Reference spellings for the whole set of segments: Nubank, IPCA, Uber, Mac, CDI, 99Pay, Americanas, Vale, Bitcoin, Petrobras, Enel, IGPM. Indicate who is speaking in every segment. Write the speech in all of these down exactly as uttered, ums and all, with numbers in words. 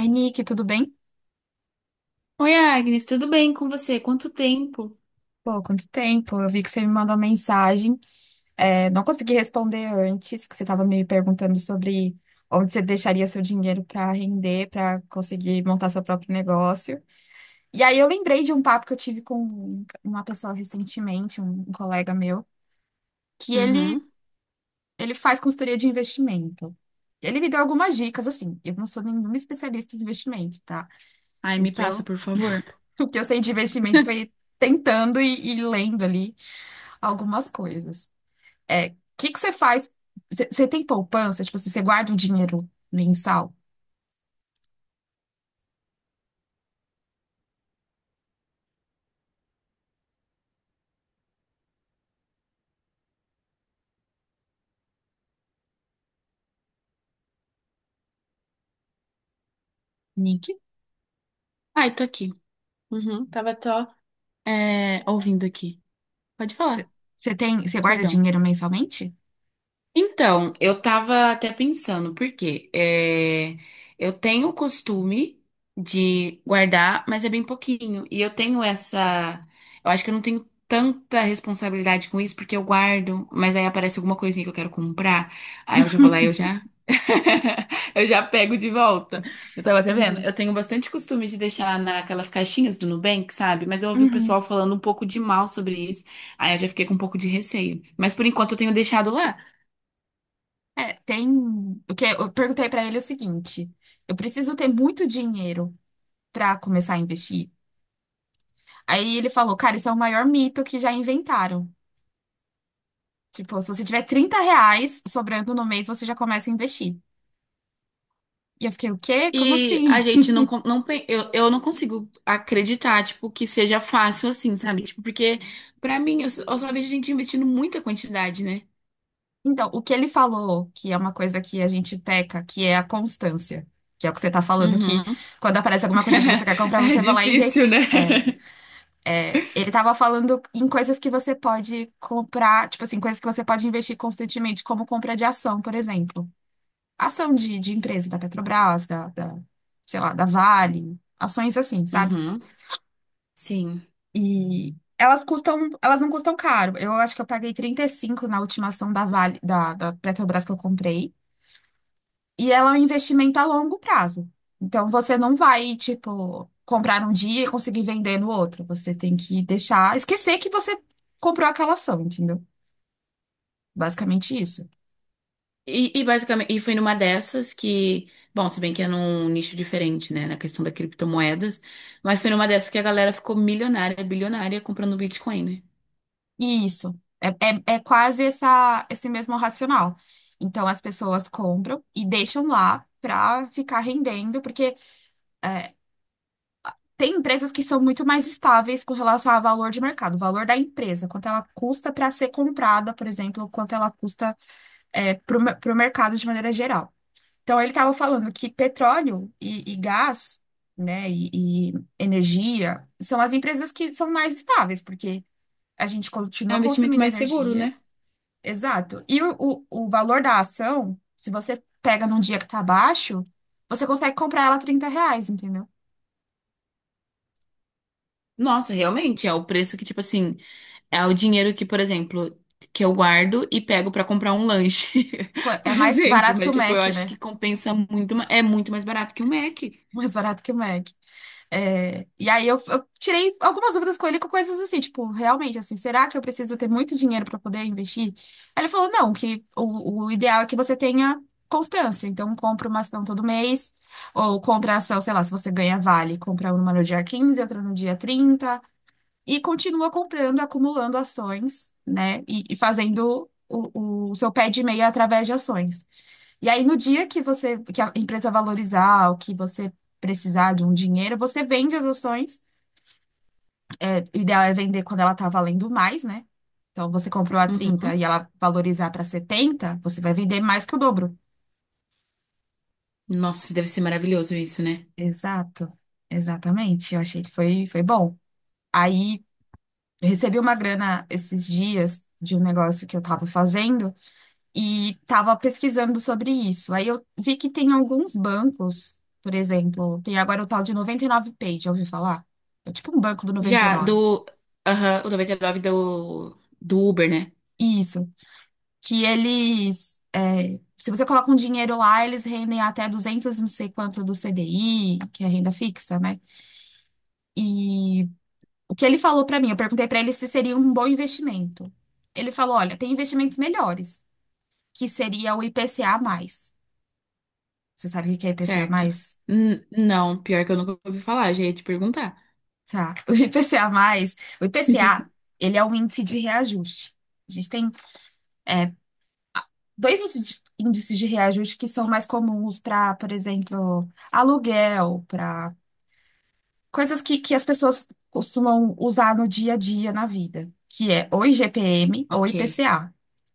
Speaker 1: Oi, Nick, tudo bem?
Speaker 2: Oi, Agnes, tudo bem com você? Quanto tempo?
Speaker 1: Pô, quanto tempo? Eu vi que você me mandou mensagem. É, não consegui responder antes, que você estava me perguntando sobre onde você deixaria seu dinheiro para render, para conseguir montar seu próprio negócio. E aí eu lembrei de um papo que eu tive com uma pessoa recentemente, um, um colega meu, que ele,
Speaker 2: Uhum.
Speaker 1: ele faz consultoria de investimento. Ele me deu algumas dicas, assim. Eu não sou nenhuma especialista em investimento, tá?
Speaker 2: Aí
Speaker 1: O
Speaker 2: me
Speaker 1: que
Speaker 2: passa,
Speaker 1: eu
Speaker 2: por favor.
Speaker 1: O que eu sei de investimento foi tentando e, e lendo ali algumas coisas. É, o que que você faz? Você você tem poupança? Tipo, assim, você guarda um dinheiro mensal? Nick?
Speaker 2: Ai, tô aqui. Uhum. Tava só é, ouvindo aqui. Pode falar,
Speaker 1: Você você tem, você guarda
Speaker 2: perdão.
Speaker 1: dinheiro mensalmente?
Speaker 2: Então, eu tava até pensando, porque eu tenho o costume de guardar, mas é bem pouquinho. E eu tenho essa. Eu acho que eu não tenho tanta responsabilidade com isso, porque eu guardo, mas aí aparece alguma coisinha que eu quero comprar. Aí eu já vou lá e eu já. Eu já pego de volta. Eu tava até vendo.
Speaker 1: Entendi.
Speaker 2: Eu tenho bastante costume de deixar naquelas caixinhas do Nubank, sabe? Mas eu ouvi o pessoal
Speaker 1: Uhum.
Speaker 2: falando um pouco de mal sobre isso. Aí eu já fiquei com um pouco de receio. Mas por enquanto eu tenho deixado lá.
Speaker 1: É, tem. O que eu perguntei pra ele é o seguinte: eu preciso ter muito dinheiro pra começar a investir. Aí ele falou, cara, isso é o maior mito que já inventaram. Tipo, se você tiver trinta reais sobrando no mês, você já começa a investir. E eu fiquei, o quê? Como
Speaker 2: E a
Speaker 1: assim?
Speaker 2: gente não, con- não pe- eu, eu não consigo acreditar, tipo, que seja fácil assim, sabe? Tipo, porque pra mim, eu, s- eu só vejo a gente investindo muita quantidade, né?
Speaker 1: Então, o que ele falou, que é uma coisa que a gente peca, que é a constância. Que é o que você tá falando, que
Speaker 2: Uhum.
Speaker 1: quando aparece alguma coisa que você quer comprar,
Speaker 2: É
Speaker 1: você vai lá e
Speaker 2: difícil, né?
Speaker 1: reti- é, é. Ele tava falando em coisas que você pode comprar, tipo assim, coisas que você pode investir constantemente, como compra de ação, por exemplo. Ação de, de empresa da Petrobras, da, da, sei lá, da Vale, ações assim, sabe?
Speaker 2: Uhum. Sim.
Speaker 1: E elas custam, elas não custam caro. Eu acho que eu paguei trinta e cinco na última ação da Vale, da, da Petrobras que eu comprei, e ela é um investimento a longo prazo. Então você não vai, tipo, comprar um dia e conseguir vender no outro. Você tem que deixar, esquecer que você comprou aquela ação, entendeu? Basicamente isso.
Speaker 2: E, e basicamente, e foi numa dessas que, bom, se bem que é num nicho diferente, né, na questão da criptomoedas, mas foi numa dessas que a galera ficou milionária, bilionária comprando Bitcoin, né?
Speaker 1: Isso. É, é, é quase essa, esse mesmo racional. Então, as pessoas compram e deixam lá para ficar rendendo, porque tem empresas que são muito mais estáveis com relação ao valor de mercado, o valor da empresa, quanto ela custa para ser comprada, por exemplo, quanto ela custa para o mercado de maneira geral. Então, ele estava falando que petróleo e, e gás, né, e, e energia são as empresas que são mais estáveis, porque a gente
Speaker 2: É
Speaker 1: continua
Speaker 2: um investimento
Speaker 1: consumindo
Speaker 2: mais seguro,
Speaker 1: energia.
Speaker 2: né?
Speaker 1: Exato. E o, o, o valor da ação, se você pega num dia que tá baixo, você consegue comprar ela a trinta reais, entendeu?
Speaker 2: Nossa, realmente, é o preço que, tipo assim, é o dinheiro que, por exemplo, que eu guardo e pego pra comprar um lanche,
Speaker 1: Pô,
Speaker 2: por
Speaker 1: é mais
Speaker 2: exemplo.
Speaker 1: barato que
Speaker 2: Mas,
Speaker 1: o
Speaker 2: tipo, eu
Speaker 1: Mac,
Speaker 2: acho
Speaker 1: né?
Speaker 2: que compensa muito, ma- é muito mais barato que um Mac.
Speaker 1: Mais barato que o Mac. É, e aí eu, eu tirei algumas dúvidas com ele com coisas assim, tipo, realmente, assim, será que eu preciso ter muito dinheiro para poder investir? Aí ele falou, não, que o, o ideal é que você tenha constância. Então, compra uma ação todo mês, ou compra ação, sei lá, se você ganha Vale, compra uma no dia quinze outra no dia trinta e continua comprando, acumulando ações, né? E, e fazendo o, o seu pé de meia através de ações. E aí, no dia que você, que a empresa valorizar ou que você precisar de um dinheiro, você vende as ações. O ideal é vender quando ela está valendo mais, né? Então, você comprou a trinta e
Speaker 2: Uhum.
Speaker 1: ela valorizar para setenta você vai vender mais que o dobro.
Speaker 2: Nossa, deve ser maravilhoso isso, né?
Speaker 1: Exato, exatamente. Eu achei que foi, foi bom. Aí, eu recebi uma grana esses dias de um negócio que eu estava fazendo. E estava pesquisando sobre isso. Aí eu vi que tem alguns bancos, por exemplo, tem agora o tal de noventa e nove pay, já ouviu falar? É tipo um banco do
Speaker 2: Já
Speaker 1: noventa e nove.
Speaker 2: do, aham, o noventa e nove do, do Uber, né?
Speaker 1: Isso, que eles, é, se você coloca um dinheiro lá, eles rendem até duzentos não sei quanto do C D I, que é renda fixa, né? E o que ele falou para mim, eu perguntei para ele se seria um bom investimento. Ele falou, olha, tem investimentos melhores, que seria o I P C A mais. Você sabe o que é
Speaker 2: Certo.
Speaker 1: I P C A mais?
Speaker 2: N- não, pior que eu nunca ouvi falar, já ia te perguntar.
Speaker 1: Tá. O I P C A mais, o I P C A, ele é um índice de reajuste. A gente tem é, dois índices de, índices de reajuste que são mais comuns para, por exemplo, aluguel, para coisas que, que as pessoas costumam usar no dia a dia na vida, que é ou I G P M ou
Speaker 2: Ok,
Speaker 1: I P C A,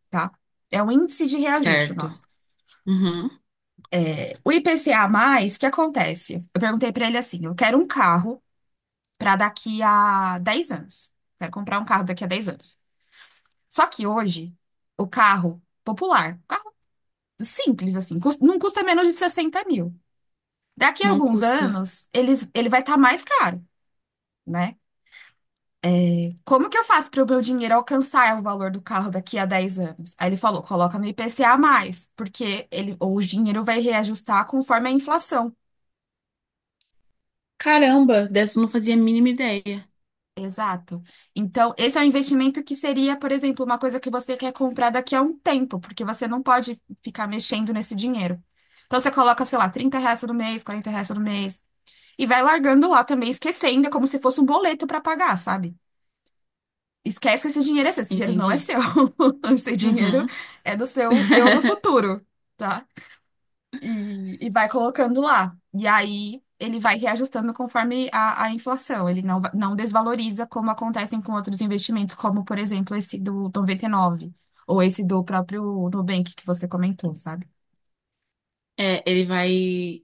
Speaker 1: tá? É um índice de reajuste o
Speaker 2: certo.
Speaker 1: nome.
Speaker 2: Uhum.
Speaker 1: O I P C A mais, o que acontece? Eu perguntei para ele assim, eu quero um carro para daqui a dez anos. Quero comprar um carro daqui a dez anos. Só que hoje, o carro popular, um carro simples assim, cus- não custa menos de sessenta mil. Daqui a
Speaker 2: Não
Speaker 1: alguns
Speaker 2: custa.
Speaker 1: anos, eles, ele vai estar mais caro, né? Como que eu faço para o meu dinheiro alcançar o valor do carro daqui a dez anos? Aí ele falou, coloca no IPCA a mais, porque ele, ou o dinheiro vai reajustar conforme a inflação.
Speaker 2: Caramba, dessa eu não fazia a mínima ideia.
Speaker 1: Exato. Então, esse é um investimento que seria, por exemplo, uma coisa que você quer comprar daqui a um tempo, porque você não pode ficar mexendo nesse dinheiro. Então, você coloca, sei lá, trinta reais todo mês, quarenta reais todo mês, e vai largando lá também, esquecendo, é como se fosse um boleto para pagar, sabe? Esquece que esse dinheiro é seu, esse dinheiro não é
Speaker 2: Entendi.
Speaker 1: seu. Esse dinheiro
Speaker 2: Uhum.
Speaker 1: é do seu eu do futuro, tá? e, e vai colocando lá. E aí ele vai reajustando conforme a, a inflação. Ele não, va- Não desvaloriza como acontecem com outros investimentos, como, por exemplo, esse do noventa e nove ou esse do próprio Nubank que você comentou, sabe?
Speaker 2: É, ele vai,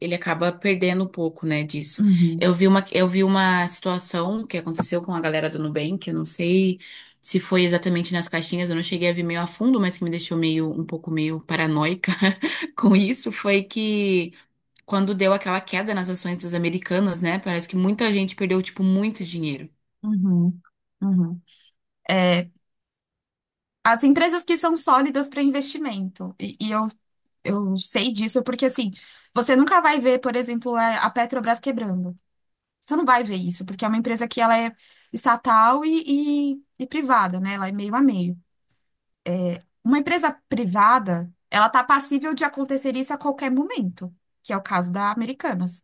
Speaker 2: ele acaba perdendo um pouco, né, disso.
Speaker 1: Uhum,
Speaker 2: Eu vi uma, eu vi uma situação que aconteceu com a galera do Nubank, eu não sei se foi exatamente nas caixinhas, eu não cheguei a ver meio a fundo, mas que me deixou meio, um pouco meio paranoica com isso, foi que quando deu aquela queda nas ações das americanas, né, parece que muita gente perdeu, tipo, muito dinheiro.
Speaker 1: uhum, uhum. É, as empresas que são sólidas para investimento, e, e eu, eu sei disso porque, assim, você nunca vai ver, por exemplo, a a Petrobras quebrando. Você não vai ver isso, porque é uma empresa que ela é estatal e, e- e privada, né? Ela é meio a meio. Uma empresa privada, ela tá passível de acontecer isso a qualquer momento, que é o caso da Americanas.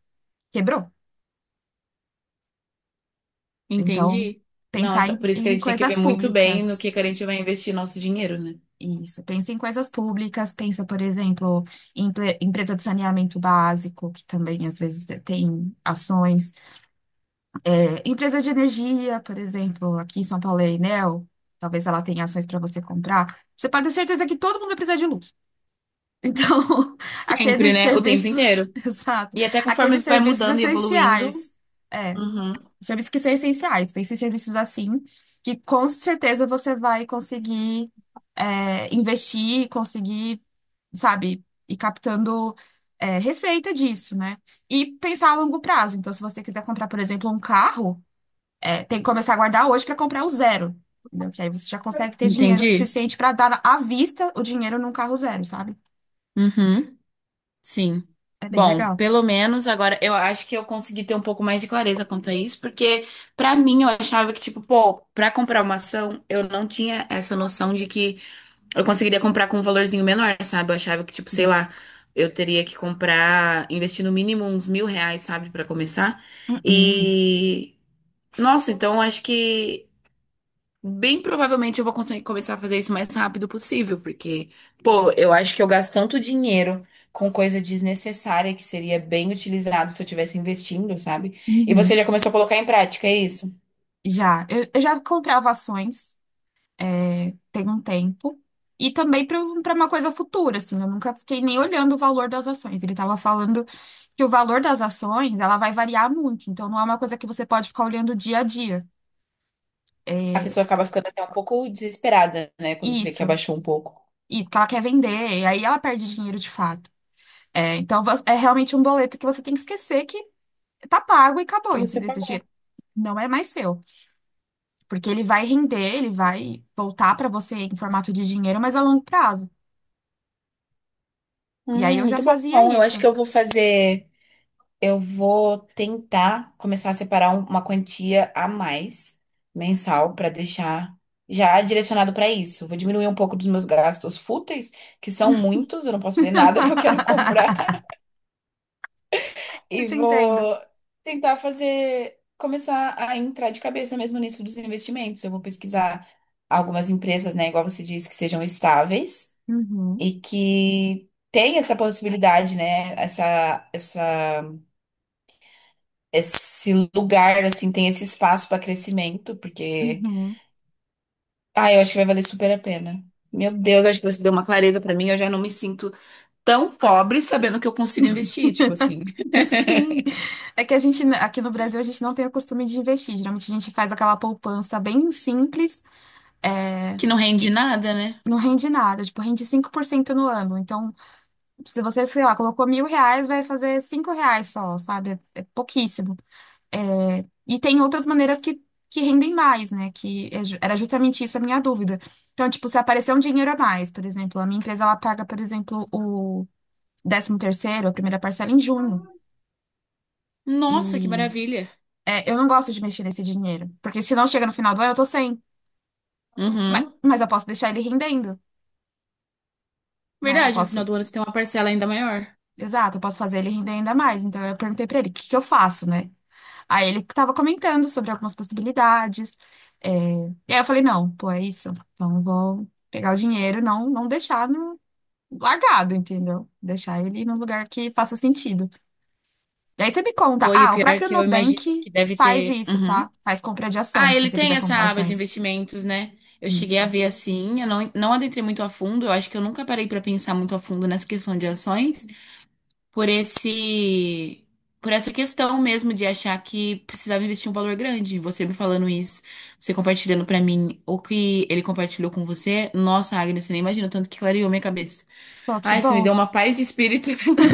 Speaker 1: Quebrou. Então,
Speaker 2: Entendi. Não,
Speaker 1: pensar
Speaker 2: então,
Speaker 1: em,
Speaker 2: por isso que a
Speaker 1: em
Speaker 2: gente tem que
Speaker 1: coisas
Speaker 2: ver muito bem no
Speaker 1: públicas.
Speaker 2: que que a gente vai investir nosso dinheiro, né?
Speaker 1: Isso, pensa em coisas públicas, pensa, por exemplo, em empre- empresa de saneamento básico, que também às vezes tem ações. Empresas de energia, por exemplo, aqui em São Paulo é a Enel, talvez ela tenha ações para você comprar. Você pode ter certeza que todo mundo vai precisar de luz. Então,
Speaker 2: Sempre,
Speaker 1: aqueles
Speaker 2: né? O tempo
Speaker 1: serviços,
Speaker 2: inteiro.
Speaker 1: exato,
Speaker 2: E até conforme
Speaker 1: aqueles
Speaker 2: vai
Speaker 1: serviços
Speaker 2: mudando e evoluindo,
Speaker 1: essenciais, é,
Speaker 2: uhum,
Speaker 1: serviços que são essenciais, pense em serviços assim, que com certeza você vai conseguir é, investir, conseguir, sabe, ir captando é, receita disso, né? E pensar a longo prazo. Então, se você quiser comprar, por exemplo, um carro é, tem que começar a guardar hoje para comprar o zero, entendeu? Que aí você já consegue ter dinheiro
Speaker 2: entendi.
Speaker 1: suficiente para dar à vista o dinheiro num carro zero, sabe?
Speaker 2: Uhum, sim.
Speaker 1: É bem
Speaker 2: Bom,
Speaker 1: legal.
Speaker 2: pelo menos agora eu acho que eu consegui ter um pouco mais de clareza quanto a isso, porque pra mim eu achava que, tipo, pô, pra comprar uma ação, eu não tinha essa noção de que eu conseguiria comprar com um valorzinho menor, sabe? Eu achava que, tipo, sei
Speaker 1: Sim.
Speaker 2: lá, eu teria que comprar, investir no mínimo uns mil reais, sabe, pra começar.
Speaker 1: Uhum.
Speaker 2: E, nossa, então eu acho que. Bem provavelmente eu vou conseguir começar a fazer isso o mais rápido possível, porque, pô, eu acho que eu gasto tanto dinheiro com coisa desnecessária que seria bem utilizado se eu estivesse investindo, sabe? E você
Speaker 1: Uhum.
Speaker 2: já começou a colocar em prática, é isso?
Speaker 1: Já, eu, eu já comprava ações, é, tem um tempo. E também para uma coisa futura, assim, eu nunca fiquei nem olhando o valor das ações. Ele estava falando que o valor das ações, ela vai variar muito, então não é uma coisa que você pode ficar olhando dia a dia.
Speaker 2: A pessoa acaba ficando até um pouco desesperada, né, quando vê que
Speaker 1: Isso,
Speaker 2: abaixou um pouco.
Speaker 1: isso, que ela quer vender, e aí ela perde dinheiro de fato. É, então vo- é realmente um boleto que você tem que esquecer que tá pago e acabou,
Speaker 2: Que você
Speaker 1: entendeu? Esse dinheiro
Speaker 2: pagou.
Speaker 1: não é mais seu, porque ele vai render, ele vai voltar para você em formato de dinheiro, mas a longo prazo. E aí
Speaker 2: Hum,
Speaker 1: eu já
Speaker 2: muito bom.
Speaker 1: fazia
Speaker 2: Eu acho
Speaker 1: isso.
Speaker 2: que eu vou fazer. Eu vou tentar começar a separar um- uma quantia a mais mensal para deixar já direcionado para isso. Vou diminuir um pouco dos meus gastos fúteis, que são muitos, eu não posso ver nada que eu quero comprar,
Speaker 1: Eu
Speaker 2: e
Speaker 1: te entendo.
Speaker 2: vou tentar fazer começar a entrar de cabeça mesmo nisso dos investimentos. Eu vou pesquisar algumas empresas, né, igual você disse, que sejam estáveis
Speaker 1: Uhum,
Speaker 2: e que tem essa possibilidade, né, essa essa esse lugar, assim, tem esse espaço para crescimento, porque,
Speaker 1: uhum.
Speaker 2: ah, eu acho que vai valer super a pena. Meu Deus, acho que você deu uma clareza para mim, eu já não me sinto tão pobre sabendo que eu consigo investir, tipo assim,
Speaker 1: Sim. É que a gente, aqui no Brasil, a gente não tem o costume de investir. Geralmente a gente faz aquela poupança bem simples, é,
Speaker 2: que não rende
Speaker 1: e
Speaker 2: nada, né?
Speaker 1: não rende nada, tipo, rende cinco por cento no ano. Então, se você, sei lá, colocou mil reais, vai fazer cinco reais só, sabe? É pouquíssimo. É, e tem outras maneiras que, que rendem mais, né? Que é ju- era justamente isso a minha dúvida. Então, tipo, se aparecer um dinheiro a mais, por exemplo, a minha empresa, ela paga, por exemplo, o décimo terceiro, a primeira parcela em junho. E
Speaker 2: Nossa, que maravilha.
Speaker 1: é, eu não gosto de mexer nesse dinheiro, porque se não chega no final do ano, eu tô sem. Mas,
Speaker 2: Uhum.
Speaker 1: mas eu posso deixar ele rendendo, né? Eu
Speaker 2: Verdade, no
Speaker 1: posso,
Speaker 2: final do ano você tem uma parcela ainda maior.
Speaker 1: exato, eu posso fazer ele render ainda mais. Então, eu perguntei pra ele, o que que eu faço, né? Aí ele estava comentando sobre algumas possibilidades. É, e aí eu falei, não, pô, é isso. Então eu vou pegar o dinheiro, não, não deixar no... largado, entendeu? Deixar ele num lugar que faça sentido. Daí você me conta,
Speaker 2: Pô, e o
Speaker 1: ah, o
Speaker 2: pior é
Speaker 1: próprio
Speaker 2: que eu imagino
Speaker 1: Nubank
Speaker 2: que deve
Speaker 1: faz
Speaker 2: ter.
Speaker 1: isso,
Speaker 2: Uhum.
Speaker 1: tá? Faz compra de ação,
Speaker 2: Ah,
Speaker 1: se
Speaker 2: ele
Speaker 1: você
Speaker 2: tem
Speaker 1: quiser
Speaker 2: essa
Speaker 1: comprar
Speaker 2: aba de
Speaker 1: ações.
Speaker 2: investimentos, né? Eu cheguei
Speaker 1: Isso.
Speaker 2: a ver assim, eu não, não adentrei muito a fundo, eu acho que eu nunca parei para pensar muito a fundo nessa questão de ações. por esse por essa questão mesmo de achar que precisava investir um valor grande. Você me falando isso, você compartilhando pra mim o que ele compartilhou com você. Nossa, Agnes, você nem imagina o tanto que clareou minha cabeça.
Speaker 1: Pô, que
Speaker 2: Ai, você me
Speaker 1: bom.
Speaker 2: deu uma paz de espírito.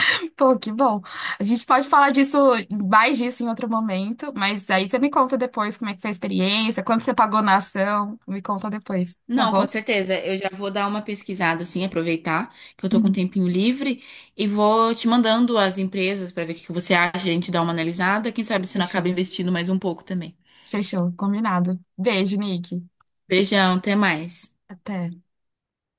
Speaker 1: Pô, que bom. A gente pode falar disso, mais disso em outro momento, mas aí você me conta depois como é que foi a experiência, quanto você pagou na ação, me conta depois, tá
Speaker 2: Não, com
Speaker 1: bom?
Speaker 2: certeza. Eu já vou dar uma pesquisada, assim, aproveitar que eu tô com um
Speaker 1: Uhum.
Speaker 2: tempinho livre e vou te mandando as empresas pra ver o que que você acha, a gente dá uma analisada. Quem sabe se não acaba
Speaker 1: Fechou.
Speaker 2: investindo mais um pouco também.
Speaker 1: Fechou, combinado. Beijo, Nick.
Speaker 2: Beijão, até mais.
Speaker 1: Até.